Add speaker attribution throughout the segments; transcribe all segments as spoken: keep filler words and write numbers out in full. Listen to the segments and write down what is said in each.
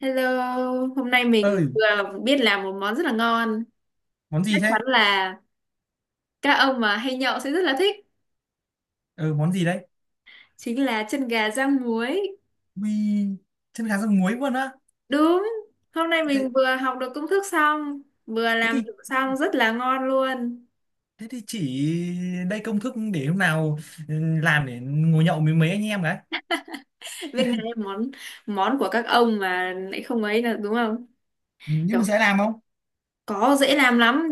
Speaker 1: Hello, hôm nay mình
Speaker 2: Ơi,
Speaker 1: vừa biết làm một món rất là ngon.
Speaker 2: món gì
Speaker 1: Chắc
Speaker 2: thế?
Speaker 1: chắn là các ông mà hay nhậu sẽ rất là thích.
Speaker 2: Ừ, món gì đấy?
Speaker 1: Chính là chân gà rang muối.
Speaker 2: Ui, chân gà rang muối luôn á.
Speaker 1: Đúng, hôm nay
Speaker 2: thế
Speaker 1: mình vừa học được công thức xong, vừa
Speaker 2: thế
Speaker 1: làm
Speaker 2: thì
Speaker 1: thử xong rất là ngon luôn.
Speaker 2: thế thì chỉ đây công thức để hôm nào. ừ, làm để ngồi nhậu với mấy anh em đấy.
Speaker 1: Biết ngay món món của các ông mà lại không ấy là đúng không?
Speaker 2: Ừ, nhưng
Speaker 1: Kiểu
Speaker 2: mình sẽ làm không.
Speaker 1: có dễ làm lắm.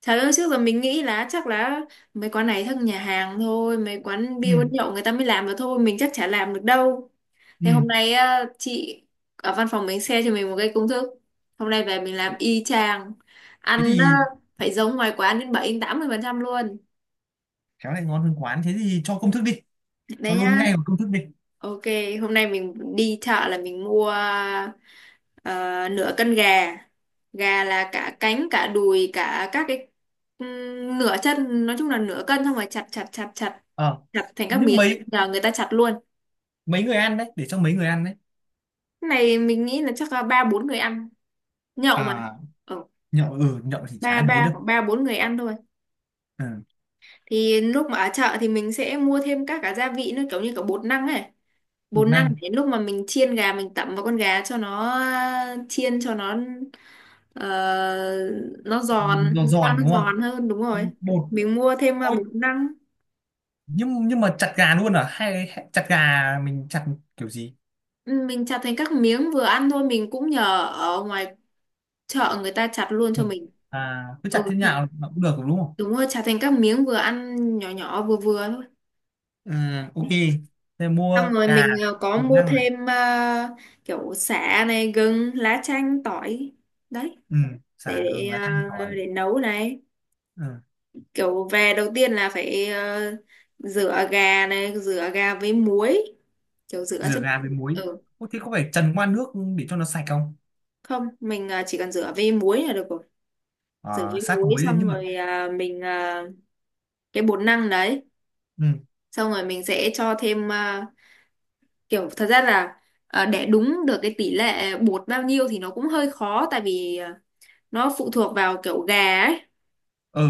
Speaker 1: Trời ơi, trước giờ mình nghĩ là chắc là mấy quán này thân nhà hàng thôi, mấy quán bia quán
Speaker 2: Ừ,
Speaker 1: nhậu người ta mới làm được thôi, mình chắc chả làm được đâu.
Speaker 2: ừ.
Speaker 1: Thế hôm nay á, chị ở văn phòng mình share cho mình một cái công thức. Hôm nay về mình làm y chang.
Speaker 2: Thế
Speaker 1: Ăn á,
Speaker 2: thì
Speaker 1: phải giống ngoài quán đến bảy đến tám mươi phần trăm luôn.
Speaker 2: khéo lại ngon hơn quán. Thế thì cho công thức đi, cho
Speaker 1: Đấy
Speaker 2: luôn
Speaker 1: nhá.
Speaker 2: ngay vào công thức đi.
Speaker 1: Ok, hôm nay mình đi chợ là mình mua ờ, nửa cân gà. Gà là cả cánh, cả đùi, cả các cái ừm, nửa chân, nói chung là nửa cân xong rồi chặt chặt chặt chặt
Speaker 2: ờ
Speaker 1: chặt thành các
Speaker 2: nhưng
Speaker 1: miếng,
Speaker 2: mấy
Speaker 1: nhờ người ta chặt luôn.
Speaker 2: mấy người ăn đấy? Để cho mấy người ăn đấy?
Speaker 1: Cái này mình nghĩ là chắc là ba bốn người ăn, nhậu mà.
Speaker 2: À,
Speaker 1: Ừ.
Speaker 2: nhậu, ừ nhậu thì chả
Speaker 1: ba
Speaker 2: ăn mấy
Speaker 1: ba
Speaker 2: đâu.
Speaker 1: hoặc ba bốn người ăn thôi.
Speaker 2: Ừ,
Speaker 1: Thì lúc mà ở chợ thì mình sẽ mua thêm các cả gia vị nữa, kiểu như cả bột năng ấy, bột
Speaker 2: bột
Speaker 1: năng
Speaker 2: năng.
Speaker 1: để lúc mà mình chiên gà mình tẩm vào con gà cho nó ờ, chiên cho nó ờ, nó giòn
Speaker 2: Giòn
Speaker 1: da,
Speaker 2: giòn
Speaker 1: nó
Speaker 2: đúng không?
Speaker 1: giòn hơn. Đúng rồi,
Speaker 2: Bột.
Speaker 1: mình mua thêm ờ,
Speaker 2: Ôi,
Speaker 1: bột năng.
Speaker 2: nhưng nhưng mà chặt gà luôn à, hay, hay chặt gà mình chặt kiểu gì?
Speaker 1: Ừ, mình chặt thành các miếng vừa ăn thôi, mình cũng nhờ ở ngoài chợ người ta chặt luôn cho
Speaker 2: Ừ.
Speaker 1: mình.
Speaker 2: À cứ
Speaker 1: Ừ
Speaker 2: chặt thế
Speaker 1: chặt,
Speaker 2: nào mà cũng được đúng không?
Speaker 1: đúng rồi, chặt thành các miếng vừa ăn nhỏ nhỏ vừa vừa thôi.
Speaker 2: Ừ, ok. Thế mua
Speaker 1: Xong rồi
Speaker 2: gà,
Speaker 1: mình ờ, có
Speaker 2: một
Speaker 1: mua
Speaker 2: năng này.
Speaker 1: thêm ờ, kiểu sả này, gừng, lá chanh, tỏi đấy.
Speaker 2: Ừ,
Speaker 1: để
Speaker 2: sả gừng
Speaker 1: để,
Speaker 2: lá chanh
Speaker 1: ờ,
Speaker 2: tỏi.
Speaker 1: để nấu này,
Speaker 2: Ừ,
Speaker 1: kiểu về đầu tiên là phải ờ, rửa gà này, rửa gà với muối, kiểu rửa
Speaker 2: rửa
Speaker 1: cho
Speaker 2: gà với muối.
Speaker 1: ừ.
Speaker 2: Ô, thế có phải trần qua nước để cho nó sạch không?
Speaker 1: Không, mình ờ, chỉ cần rửa với muối là được rồi. Rửa
Speaker 2: Ờ,
Speaker 1: với
Speaker 2: sát
Speaker 1: muối
Speaker 2: muối lên
Speaker 1: xong
Speaker 2: nhưng mà.
Speaker 1: rồi ờ, mình ờ, cái bột năng đấy,
Speaker 2: Ừ,
Speaker 1: xong rồi mình sẽ cho thêm ờ, kiểu thật ra là ờ, để đúng được cái tỷ lệ bột bao nhiêu thì nó cũng hơi khó, tại vì ờ, nó phụ thuộc vào kiểu gà ấy.
Speaker 2: ờ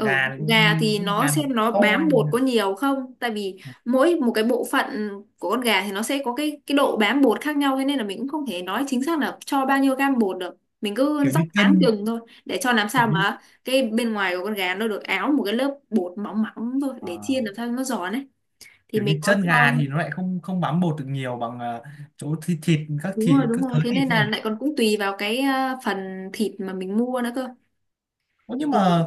Speaker 1: Ừ,
Speaker 2: này
Speaker 1: gà
Speaker 2: con
Speaker 1: thì
Speaker 2: con
Speaker 1: nó
Speaker 2: gà nó
Speaker 1: xem nó
Speaker 2: to
Speaker 1: bám
Speaker 2: hay
Speaker 1: bột
Speaker 2: như
Speaker 1: có nhiều không, tại vì
Speaker 2: nào?
Speaker 1: mỗi một cái bộ phận của con gà thì nó sẽ có cái cái độ bám bột khác nhau, thế nên là mình cũng không thể nói chính xác là cho bao nhiêu gam bột được, mình cứ
Speaker 2: Kiểu
Speaker 1: rắc
Speaker 2: như
Speaker 1: áng
Speaker 2: chân,
Speaker 1: chừng thôi, để cho làm
Speaker 2: kiểu
Speaker 1: sao
Speaker 2: như
Speaker 1: mà cái bên ngoài của con gà nó được áo một cái lớp bột mỏng mỏng thôi,
Speaker 2: ờ,
Speaker 1: để chiên làm sao cho nó giòn ấy, thì
Speaker 2: kiểu
Speaker 1: mình
Speaker 2: như
Speaker 1: có
Speaker 2: chân
Speaker 1: cho.
Speaker 2: gà thì nó lại không không bám bột được nhiều bằng ờ, chỗ thịt, thịt các
Speaker 1: Đúng
Speaker 2: thịt
Speaker 1: rồi đúng
Speaker 2: các
Speaker 1: rồi,
Speaker 2: thớ
Speaker 1: thế
Speaker 2: thịt
Speaker 1: nên là
Speaker 2: này.
Speaker 1: lại còn cũng tùy vào cái ờ, phần thịt mà mình mua nữa cơ.
Speaker 2: Ủa, nhưng mà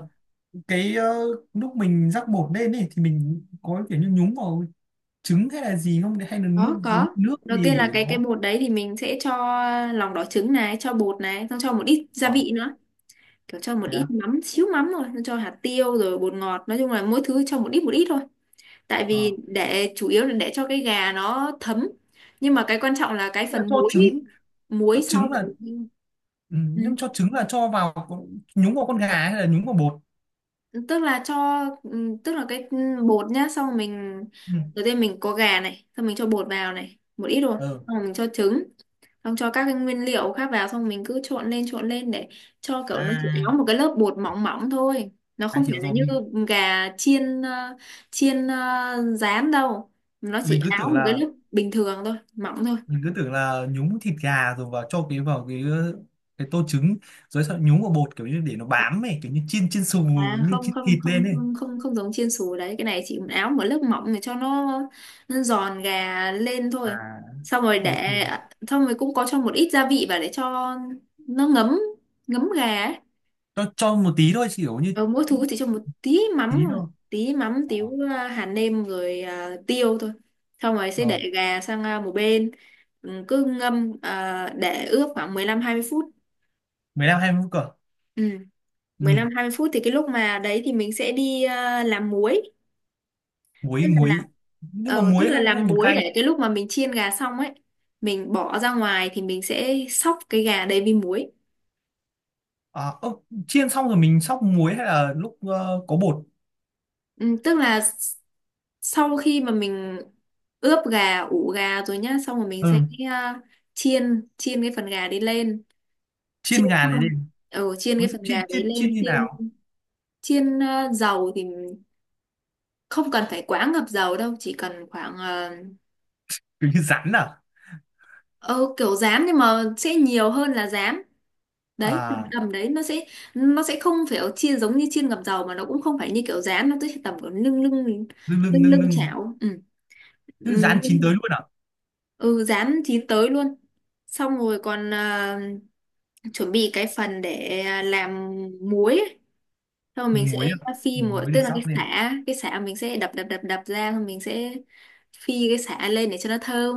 Speaker 2: cái ờ, lúc mình rắc bột lên ấy thì mình có kiểu như nhúng vào trứng hay là gì không, hay là
Speaker 1: có
Speaker 2: nu- nhúng
Speaker 1: có
Speaker 2: nước
Speaker 1: đầu
Speaker 2: gì
Speaker 1: tiên là
Speaker 2: để
Speaker 1: cái cái
Speaker 2: nó.
Speaker 1: bột đấy thì mình sẽ cho lòng đỏ trứng này, cho bột này, xong cho một ít gia
Speaker 2: ờ
Speaker 1: vị nữa, kiểu cho một
Speaker 2: Thế
Speaker 1: ít
Speaker 2: à?
Speaker 1: mắm, xíu mắm thôi, xong cho hạt tiêu rồi bột ngọt, nói chung là mỗi thứ cho một ít một ít thôi, tại
Speaker 2: Ờ.
Speaker 1: vì để chủ yếu là để cho cái gà nó thấm, nhưng mà cái quan trọng là cái
Speaker 2: Tức là
Speaker 1: phần
Speaker 2: cho
Speaker 1: muối,
Speaker 2: trứng, cho
Speaker 1: muối sau
Speaker 2: trứng là,
Speaker 1: của mình.
Speaker 2: ừ,
Speaker 1: Ừ.
Speaker 2: nhưng cho trứng là cho vào con- nhúng vào con gà hay là nhúng vào bột?
Speaker 1: Tức là cho ừ, tức là cái bột nhá, xong rồi mình
Speaker 2: Ừ.
Speaker 1: đầu tiên mình có gà này, xong mình cho bột vào này một ít rồi,
Speaker 2: Ờ.
Speaker 1: xong rồi mình cho trứng, xong cho các cái nguyên liệu khác vào, xong mình cứ trộn lên trộn lên để cho kiểu nó chỉ có
Speaker 2: à,
Speaker 1: một cái lớp bột mỏng mỏng thôi, nó
Speaker 2: à
Speaker 1: không phải
Speaker 2: hiểu
Speaker 1: là
Speaker 2: rồi.
Speaker 1: như
Speaker 2: mình
Speaker 1: gà chiên ờ, chiên ờ, rán đâu, nó
Speaker 2: mình
Speaker 1: chỉ
Speaker 2: cứ
Speaker 1: áo
Speaker 2: tưởng
Speaker 1: một cái
Speaker 2: là
Speaker 1: lớp bình thường thôi, mỏng thôi.
Speaker 2: mình cứ tưởng là nhúng thịt gà rồi vào cho cái vào cái cái tô trứng rồi sau nhúng vào bột kiểu như để nó bám ấy, kiểu như chiên chiên xù,
Speaker 1: À
Speaker 2: như
Speaker 1: không
Speaker 2: chiên
Speaker 1: không
Speaker 2: thịt lên
Speaker 1: không
Speaker 2: ấy.
Speaker 1: không không, không giống chiên xù đấy, cái này chỉ áo một lớp mỏng để cho nó, nó giòn gà lên
Speaker 2: À,
Speaker 1: thôi. Xong rồi
Speaker 2: ok.
Speaker 1: để, xong rồi cũng có cho một ít gia vị vào để cho nó ngấm, ngấm gà ấy.
Speaker 2: Tôi cho một tí thôi, chỉ kiểu như
Speaker 1: Ờ, mỗi thứ chỉ cho một tí mắm
Speaker 2: tí
Speaker 1: thôi,
Speaker 2: thôi.
Speaker 1: tí mắm
Speaker 2: Ờ.
Speaker 1: tí à, hạt nêm rồi à, tiêu thôi, xong rồi sẽ
Speaker 2: Ờ,
Speaker 1: để gà sang à, một bên. Ừ, cứ ngâm à, để ướp khoảng mười lăm hai mươi phút.
Speaker 2: mười lăm hai mươi phút cơ?
Speaker 1: Ừ.
Speaker 2: Ừ.
Speaker 1: Mười lăm hai mươi phút thì cái lúc mà đấy thì mình sẽ đi à, làm muối,
Speaker 2: Muối,
Speaker 1: tức là làm
Speaker 2: muối. Nhưng mà
Speaker 1: ờ, tức
Speaker 2: muối,
Speaker 1: là
Speaker 2: hay, hay
Speaker 1: làm
Speaker 2: bột
Speaker 1: muối
Speaker 2: canh?
Speaker 1: để cái lúc mà mình chiên gà xong ấy, mình bỏ ra ngoài thì mình sẽ xóc cái gà đấy với muối.
Speaker 2: à, ơ, Chiên xong rồi mình xóc muối hay là lúc ờ, có bột?
Speaker 1: Ừ, tức là s- sau khi mà mình ướp gà, ủ gà rồi nhá, xong rồi mình
Speaker 2: Ừ.
Speaker 1: sẽ à, chiên, chiên cái phần gà đấy lên, chiên
Speaker 2: Chiên gà này đi.
Speaker 1: xong, ừ, chiên
Speaker 2: Ủa,
Speaker 1: cái phần gà
Speaker 2: chiên
Speaker 1: đấy
Speaker 2: chiên
Speaker 1: lên
Speaker 2: chiên như
Speaker 1: chiên,
Speaker 2: nào?
Speaker 1: chiên à, dầu thì không cần phải quá ngập dầu đâu, chỉ cần khoảng à,
Speaker 2: Kiểu như rán à?
Speaker 1: ờ, ừ, kiểu rán nhưng mà sẽ nhiều hơn là rán. Đấy, tầm
Speaker 2: À.
Speaker 1: tầm đấy nó sẽ nó sẽ không phải chiên giống như chiên ngập dầu, mà nó cũng không phải như kiểu rán, nó sẽ tầm kiểu lưng lưng
Speaker 2: Lưng lưng,
Speaker 1: lưng
Speaker 2: lưng
Speaker 1: lưng
Speaker 2: lưng.
Speaker 1: chảo. Ừ.
Speaker 2: Cứ
Speaker 1: Ừ.
Speaker 2: rán chín tới luôn à?
Speaker 1: Ừ dán chín tới luôn, xong rồi còn à, chuẩn bị cái phần để à, làm muối ấy. Xong rồi
Speaker 2: Ừ,
Speaker 1: mình sẽ
Speaker 2: muối à. Ừ,
Speaker 1: phi một,
Speaker 2: muối để
Speaker 1: tức là cái
Speaker 2: xóc lên.
Speaker 1: sả, cái sả mình sẽ đập đập đập đập ra, xong mình sẽ phi cái sả lên để cho nó thơm,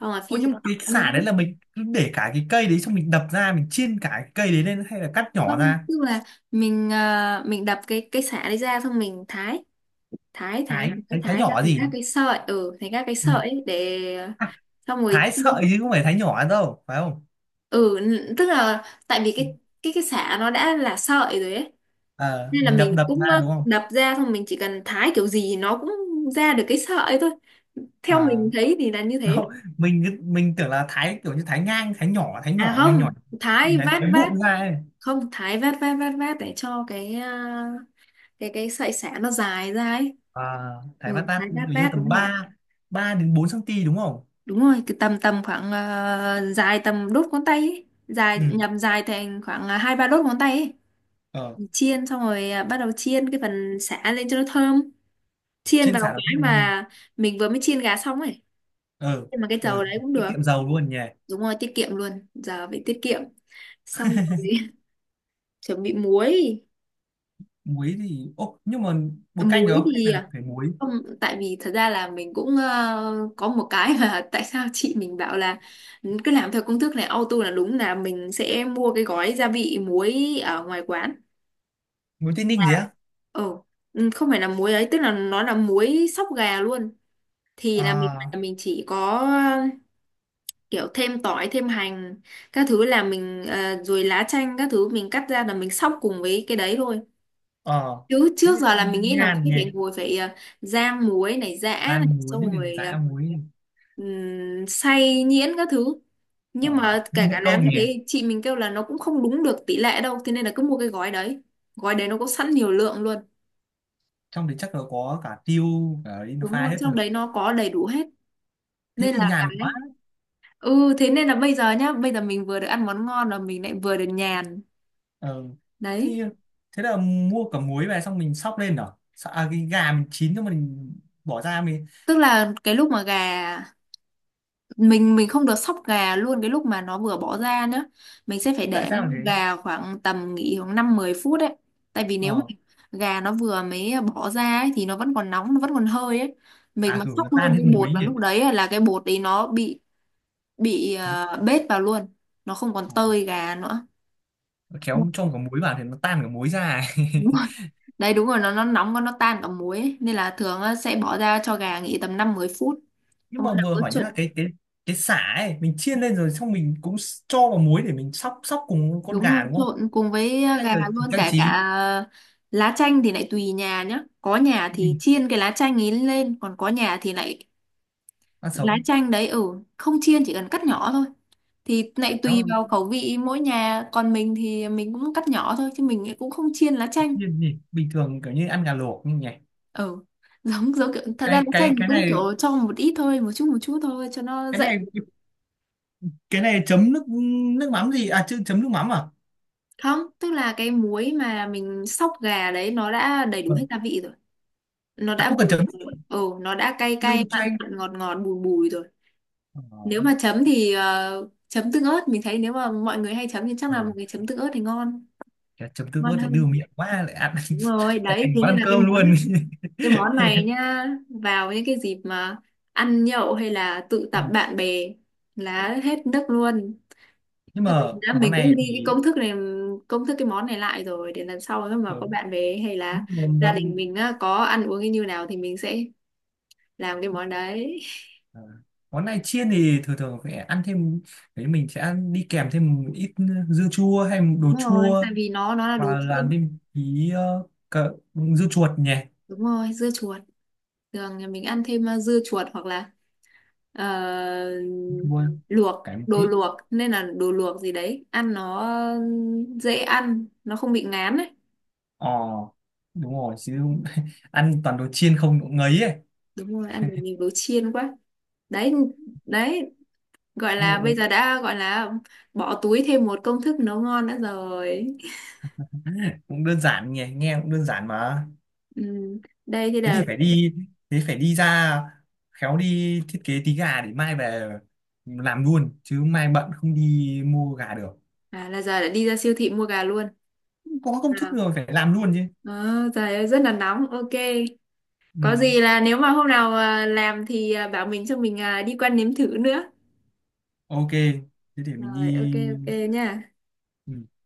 Speaker 1: xong rồi
Speaker 2: Ô
Speaker 1: phi
Speaker 2: nhưng
Speaker 1: cái
Speaker 2: mà cái
Speaker 1: tỏi nữa.
Speaker 2: sả đấy là mình cứ để cả cái cây đấy xong mình đập ra mình chiên cả cái cây đấy lên hay là cắt nhỏ
Speaker 1: Không,
Speaker 2: ra?
Speaker 1: tức là mình à, mình đập cái cái sả đấy ra, xong mình thái thái thái
Speaker 2: Thái
Speaker 1: thái,
Speaker 2: thái, Thái
Speaker 1: thái ra
Speaker 2: nhỏ
Speaker 1: thành
Speaker 2: gì?
Speaker 1: các cái sợi, ừ, thành các cái
Speaker 2: Ừ.
Speaker 1: sợi ấy để à, xong rồi
Speaker 2: Thái
Speaker 1: chiên.
Speaker 2: sợi chứ không phải thái nhỏ đâu phải không?
Speaker 1: ừ n- tức là tại vì cái cái cái xả nó đã là sợi rồi ấy,
Speaker 2: Ờ,
Speaker 1: nên là
Speaker 2: mình đập
Speaker 1: mình
Speaker 2: đập
Speaker 1: cũng
Speaker 2: ra
Speaker 1: ờ,
Speaker 2: đúng không?
Speaker 1: đập ra xong mình chỉ cần thái kiểu gì nó cũng ra được cái sợi thôi, theo
Speaker 2: À,
Speaker 1: mình thấy thì là như thế.
Speaker 2: đâu, mình cứ- mình tưởng là thái kiểu như thái ngang, thái nhỏ, thái
Speaker 1: À
Speaker 2: nhỏ nhỏ
Speaker 1: không,
Speaker 2: nhỏ
Speaker 1: thái
Speaker 2: thái,
Speaker 1: vát
Speaker 2: thái
Speaker 1: vát,
Speaker 2: vụn ra ấy.
Speaker 1: không thái vát vát vát vát để cho cái ờ, cái cái sợi xả nó dài ra ấy.
Speaker 2: À, thái bát
Speaker 1: Ừ, thái
Speaker 2: tát
Speaker 1: vát
Speaker 2: kiểu như
Speaker 1: vát
Speaker 2: tầm
Speaker 1: đúng rồi,
Speaker 2: ba ba đến bốn phân đúng không?
Speaker 1: đúng rồi cái tầm tầm khoảng ờ, dài tầm đốt ngón tay ấy. Dài
Speaker 2: Ừ.
Speaker 1: nhầm dài thành khoảng ờ, hai ba đốt ngón tay ấy.
Speaker 2: Ờ,
Speaker 1: Chiên xong rồi à, bắt đầu chiên cái phần sả lên cho nó thơm, chiên
Speaker 2: trên sả
Speaker 1: vào
Speaker 2: đầu
Speaker 1: cái
Speaker 2: tiên.
Speaker 1: mà mình vừa mới chiên gà xong ấy,
Speaker 2: Ờ.
Speaker 1: nhưng mà cái dầu
Speaker 2: Ờ,
Speaker 1: đấy cũng
Speaker 2: tiết
Speaker 1: được.
Speaker 2: kiệm dầu luôn nhỉ.
Speaker 1: Đúng rồi, tiết kiệm luôn, giờ phải tiết kiệm. Xong rồi chuẩn bị muối.
Speaker 2: Muối thì ô, nhưng mà
Speaker 1: À,
Speaker 2: bột canh được
Speaker 1: muối
Speaker 2: không
Speaker 1: thì
Speaker 2: hay là
Speaker 1: à,
Speaker 2: phải muối?
Speaker 1: không, tại vì thật ra là mình cũng ờ, có một cái mà tại sao chị mình bảo là "Ừ, cứ làm theo công thức này auto là đúng là mình sẽ mua cái gói gia vị muối ở ngoài quán".
Speaker 2: Muối Tây
Speaker 1: À
Speaker 2: Ninh gì á?
Speaker 1: ừ, ừ, không phải là muối ấy, tức là nó là muối sóc gà luôn, thì là mình
Speaker 2: À.
Speaker 1: là mình chỉ có ờ, kiểu thêm tỏi, thêm hành các thứ là mình ờ, rồi lá chanh các thứ mình cắt ra là mình xóc cùng với cái đấy thôi,
Speaker 2: Ờ,
Speaker 1: chứ
Speaker 2: thế
Speaker 1: trước giờ
Speaker 2: thì
Speaker 1: là mình nghĩ là
Speaker 2: nhàn
Speaker 1: mình
Speaker 2: nhỉ.
Speaker 1: phải ngồi phải ờ, rang muối này, giã
Speaker 2: Ra
Speaker 1: này,
Speaker 2: muối
Speaker 1: xong
Speaker 2: này,
Speaker 1: rồi ờ,
Speaker 2: dã muối này.
Speaker 1: ừm, xay nhuyễn các thứ, nhưng
Speaker 2: Ờ,
Speaker 1: mà
Speaker 2: thế
Speaker 1: kể
Speaker 2: mất
Speaker 1: cả làm
Speaker 2: công
Speaker 1: như
Speaker 2: nhỉ.
Speaker 1: thế chị mình kêu là nó cũng không đúng được tỷ lệ đâu, thế nên là cứ mua cái gói đấy, gói đấy nó có sẵn nhiều lượng luôn.
Speaker 2: Trong đấy chắc là có cả tiêu, cả
Speaker 1: Đúng
Speaker 2: Indophile
Speaker 1: rồi,
Speaker 2: hết cho
Speaker 1: trong
Speaker 2: mình.
Speaker 1: đấy nó có đầy đủ hết,
Speaker 2: Thế
Speaker 1: nên
Speaker 2: thì
Speaker 1: là cái.
Speaker 2: nhàn quá.
Speaker 1: Ừ, thế nên là bây giờ nhá, bây giờ mình vừa được ăn món ngon, và mình lại vừa được nhàn.
Speaker 2: Ờ. Thế
Speaker 1: Đấy.
Speaker 2: như, thế là mua cả muối về xong mình xóc lên rồi, à cái gà mình chín cho mình bỏ ra mình.
Speaker 1: Tức là cái lúc mà gà, Mình mình không được sóc gà luôn cái lúc mà nó vừa bỏ ra nữa, mình sẽ phải
Speaker 2: Tại
Speaker 1: để
Speaker 2: sao là thế?
Speaker 1: gà khoảng tầm nghỉ khoảng năm mười phút đấy. Tại vì nếu mà
Speaker 2: Ờ.
Speaker 1: gà nó vừa mới bỏ ra ấy, thì nó vẫn còn nóng, nó vẫn còn hơi ấy, mình
Speaker 2: À,
Speaker 1: mà
Speaker 2: kiểu
Speaker 1: sóc
Speaker 2: nó tan
Speaker 1: luôn
Speaker 2: hết
Speaker 1: cái
Speaker 2: muối
Speaker 1: bột là
Speaker 2: nhỉ.
Speaker 1: lúc đấy ấy, là cái bột đấy nó bị bị
Speaker 2: Dụ-
Speaker 1: ờ, bết vào luôn, nó không còn tơi gà nữa.
Speaker 2: ờ, khéo cho cả muối vào thì nó tan cả muối ra.
Speaker 1: Đúng. Đấy đúng rồi, nó nó nóng quá, nó tan cả muối ấy. Nên là thường á, sẽ bỏ ra cho gà nghỉ tầm năm mười phút.
Speaker 2: Nhưng
Speaker 1: Xong
Speaker 2: mà
Speaker 1: bắt đầu
Speaker 2: vừa
Speaker 1: cứ
Speaker 2: hỏi nhá,
Speaker 1: trộn.
Speaker 2: cái cái cái sả ấy mình chiên lên rồi xong mình cũng s- cho vào muối để mình xóc xóc cùng con
Speaker 1: Đúng rồi,
Speaker 2: gà đúng không,
Speaker 1: trộn cùng với
Speaker 2: hay
Speaker 1: gà
Speaker 2: là chỉ
Speaker 1: luôn,
Speaker 2: trang
Speaker 1: cả cả
Speaker 2: trí?
Speaker 1: ờ, lá chanh thì lại tùy nhà nhá. Có nhà
Speaker 2: Ừ.
Speaker 1: thì chiên cái lá chanh ấy lên, còn có nhà thì lại
Speaker 2: Ăn
Speaker 1: lá
Speaker 2: sống.
Speaker 1: chanh đấy, ừ, không chiên, chỉ cần cắt nhỏ thôi. Thì lại tùy
Speaker 2: Khéo
Speaker 1: vào khẩu vị mỗi nhà, còn mình thì mình cũng cắt nhỏ thôi chứ mình cũng không chiên lá chanh.
Speaker 2: chiên gì bình thường kiểu như ăn gà luộc nhỉ.
Speaker 1: Ừ. Giống giống kiểu, thật ra
Speaker 2: cái
Speaker 1: lá
Speaker 2: cái
Speaker 1: chanh thì
Speaker 2: cái
Speaker 1: cũng
Speaker 2: này
Speaker 1: kiểu cho một ít thôi, một chút một chút thôi cho nó
Speaker 2: cái
Speaker 1: dậy.
Speaker 2: này cái này chấm nước, nước mắm gì à? Chứ chấm nước mắm à?
Speaker 1: Không, tức là cái muối mà mình xóc gà đấy nó đã đầy đủ
Speaker 2: Ờ.
Speaker 1: hết gia vị rồi. Nó
Speaker 2: À,
Speaker 1: đã
Speaker 2: không
Speaker 1: vừa
Speaker 2: cần chấm,
Speaker 1: rồi. Ừ, nó đã cay
Speaker 2: như
Speaker 1: cay, mặn
Speaker 2: chanh.
Speaker 1: mặn, ngọt ngọt, bùi bùi rồi.
Speaker 2: Ờ.
Speaker 1: Nếu mà chấm thì ờ, chấm tương ớt. Mình thấy nếu mà mọi người hay chấm thì chắc
Speaker 2: Ờ.
Speaker 1: là mọi người chấm tương ớt thì ngon.
Speaker 2: Chả chấm tương
Speaker 1: Ngon
Speaker 2: ớt lại đưa
Speaker 1: hơn.
Speaker 2: miệng quá lại ăn.
Speaker 1: Đúng rồi,
Speaker 2: Lại
Speaker 1: đấy.
Speaker 2: thành
Speaker 1: Thế
Speaker 2: món
Speaker 1: nên
Speaker 2: ăn
Speaker 1: là cái
Speaker 2: cơm
Speaker 1: món
Speaker 2: luôn.
Speaker 1: cái món này nhá. Vào những cái dịp mà ăn nhậu hay là tụ
Speaker 2: Ừ.
Speaker 1: tập bạn bè là hết nước luôn.
Speaker 2: Nhưng
Speaker 1: Thế mình
Speaker 2: mà
Speaker 1: đã
Speaker 2: món
Speaker 1: mình cũng
Speaker 2: này
Speaker 1: ghi cái
Speaker 2: thì,
Speaker 1: công thức này, công thức cái món này lại rồi để lần sau nếu mà có
Speaker 2: ờ,
Speaker 1: bạn về hay là
Speaker 2: món
Speaker 1: gia đình mình á, có ăn uống như nào thì mình sẽ làm cái món đấy.
Speaker 2: ờ, món này chiên thì thường thường phải ăn thêm, đấy mình sẽ ăn đi kèm thêm một ít dưa chua hay một
Speaker 1: Đúng
Speaker 2: đồ
Speaker 1: rồi,
Speaker 2: chua,
Speaker 1: tại vì nó nó là đồ
Speaker 2: và làm
Speaker 1: chiên.
Speaker 2: thêm tí ờ, cà- dưa chuột nhỉ.
Speaker 1: Đúng rồi, dưa chuột, thường nhà mình ăn thêm uh, dưa chuột hoặc là ờ,
Speaker 2: Chua.
Speaker 1: luộc,
Speaker 2: Cái
Speaker 1: đồ
Speaker 2: muối.
Speaker 1: luộc, nên là đồ luộc gì đấy ăn nó dễ ăn, nó không bị ngán ấy.
Speaker 2: Ờ, đúng rồi chứ không- ăn toàn đồ chiên không cũng ngấy ấy.
Speaker 1: Đúng rồi, ăn được nhiều đồ chiên quá. Đấy. Đấy, gọi
Speaker 2: Nhưng mà
Speaker 1: là bây
Speaker 2: cũng,
Speaker 1: giờ đã gọi là bỏ túi thêm một công thức nấu ngon nữa rồi.
Speaker 2: cũng đơn giản nhỉ, nghe cũng đơn giản mà.
Speaker 1: Ừ. Đây thì
Speaker 2: Thế
Speaker 1: là
Speaker 2: thì phải đi, thế phải đi ra, khéo đi thiết kế tí gà để mai về làm luôn chứ mai bận không đi mua gà được.
Speaker 1: à, là giờ đã đi ra siêu thị mua gà luôn
Speaker 2: Có công thức
Speaker 1: à.
Speaker 2: rồi phải làm luôn chứ.
Speaker 1: Ờ, trời ơi rất là nóng, ok.
Speaker 2: Ừ.
Speaker 1: Có gì là nếu mà hôm nào à, làm thì à, bảo mình, cho mình à, đi qua nếm thử nữa.
Speaker 2: Ok, thế để mình đi.
Speaker 1: Rồi, ok ok nha.
Speaker 2: Ừ.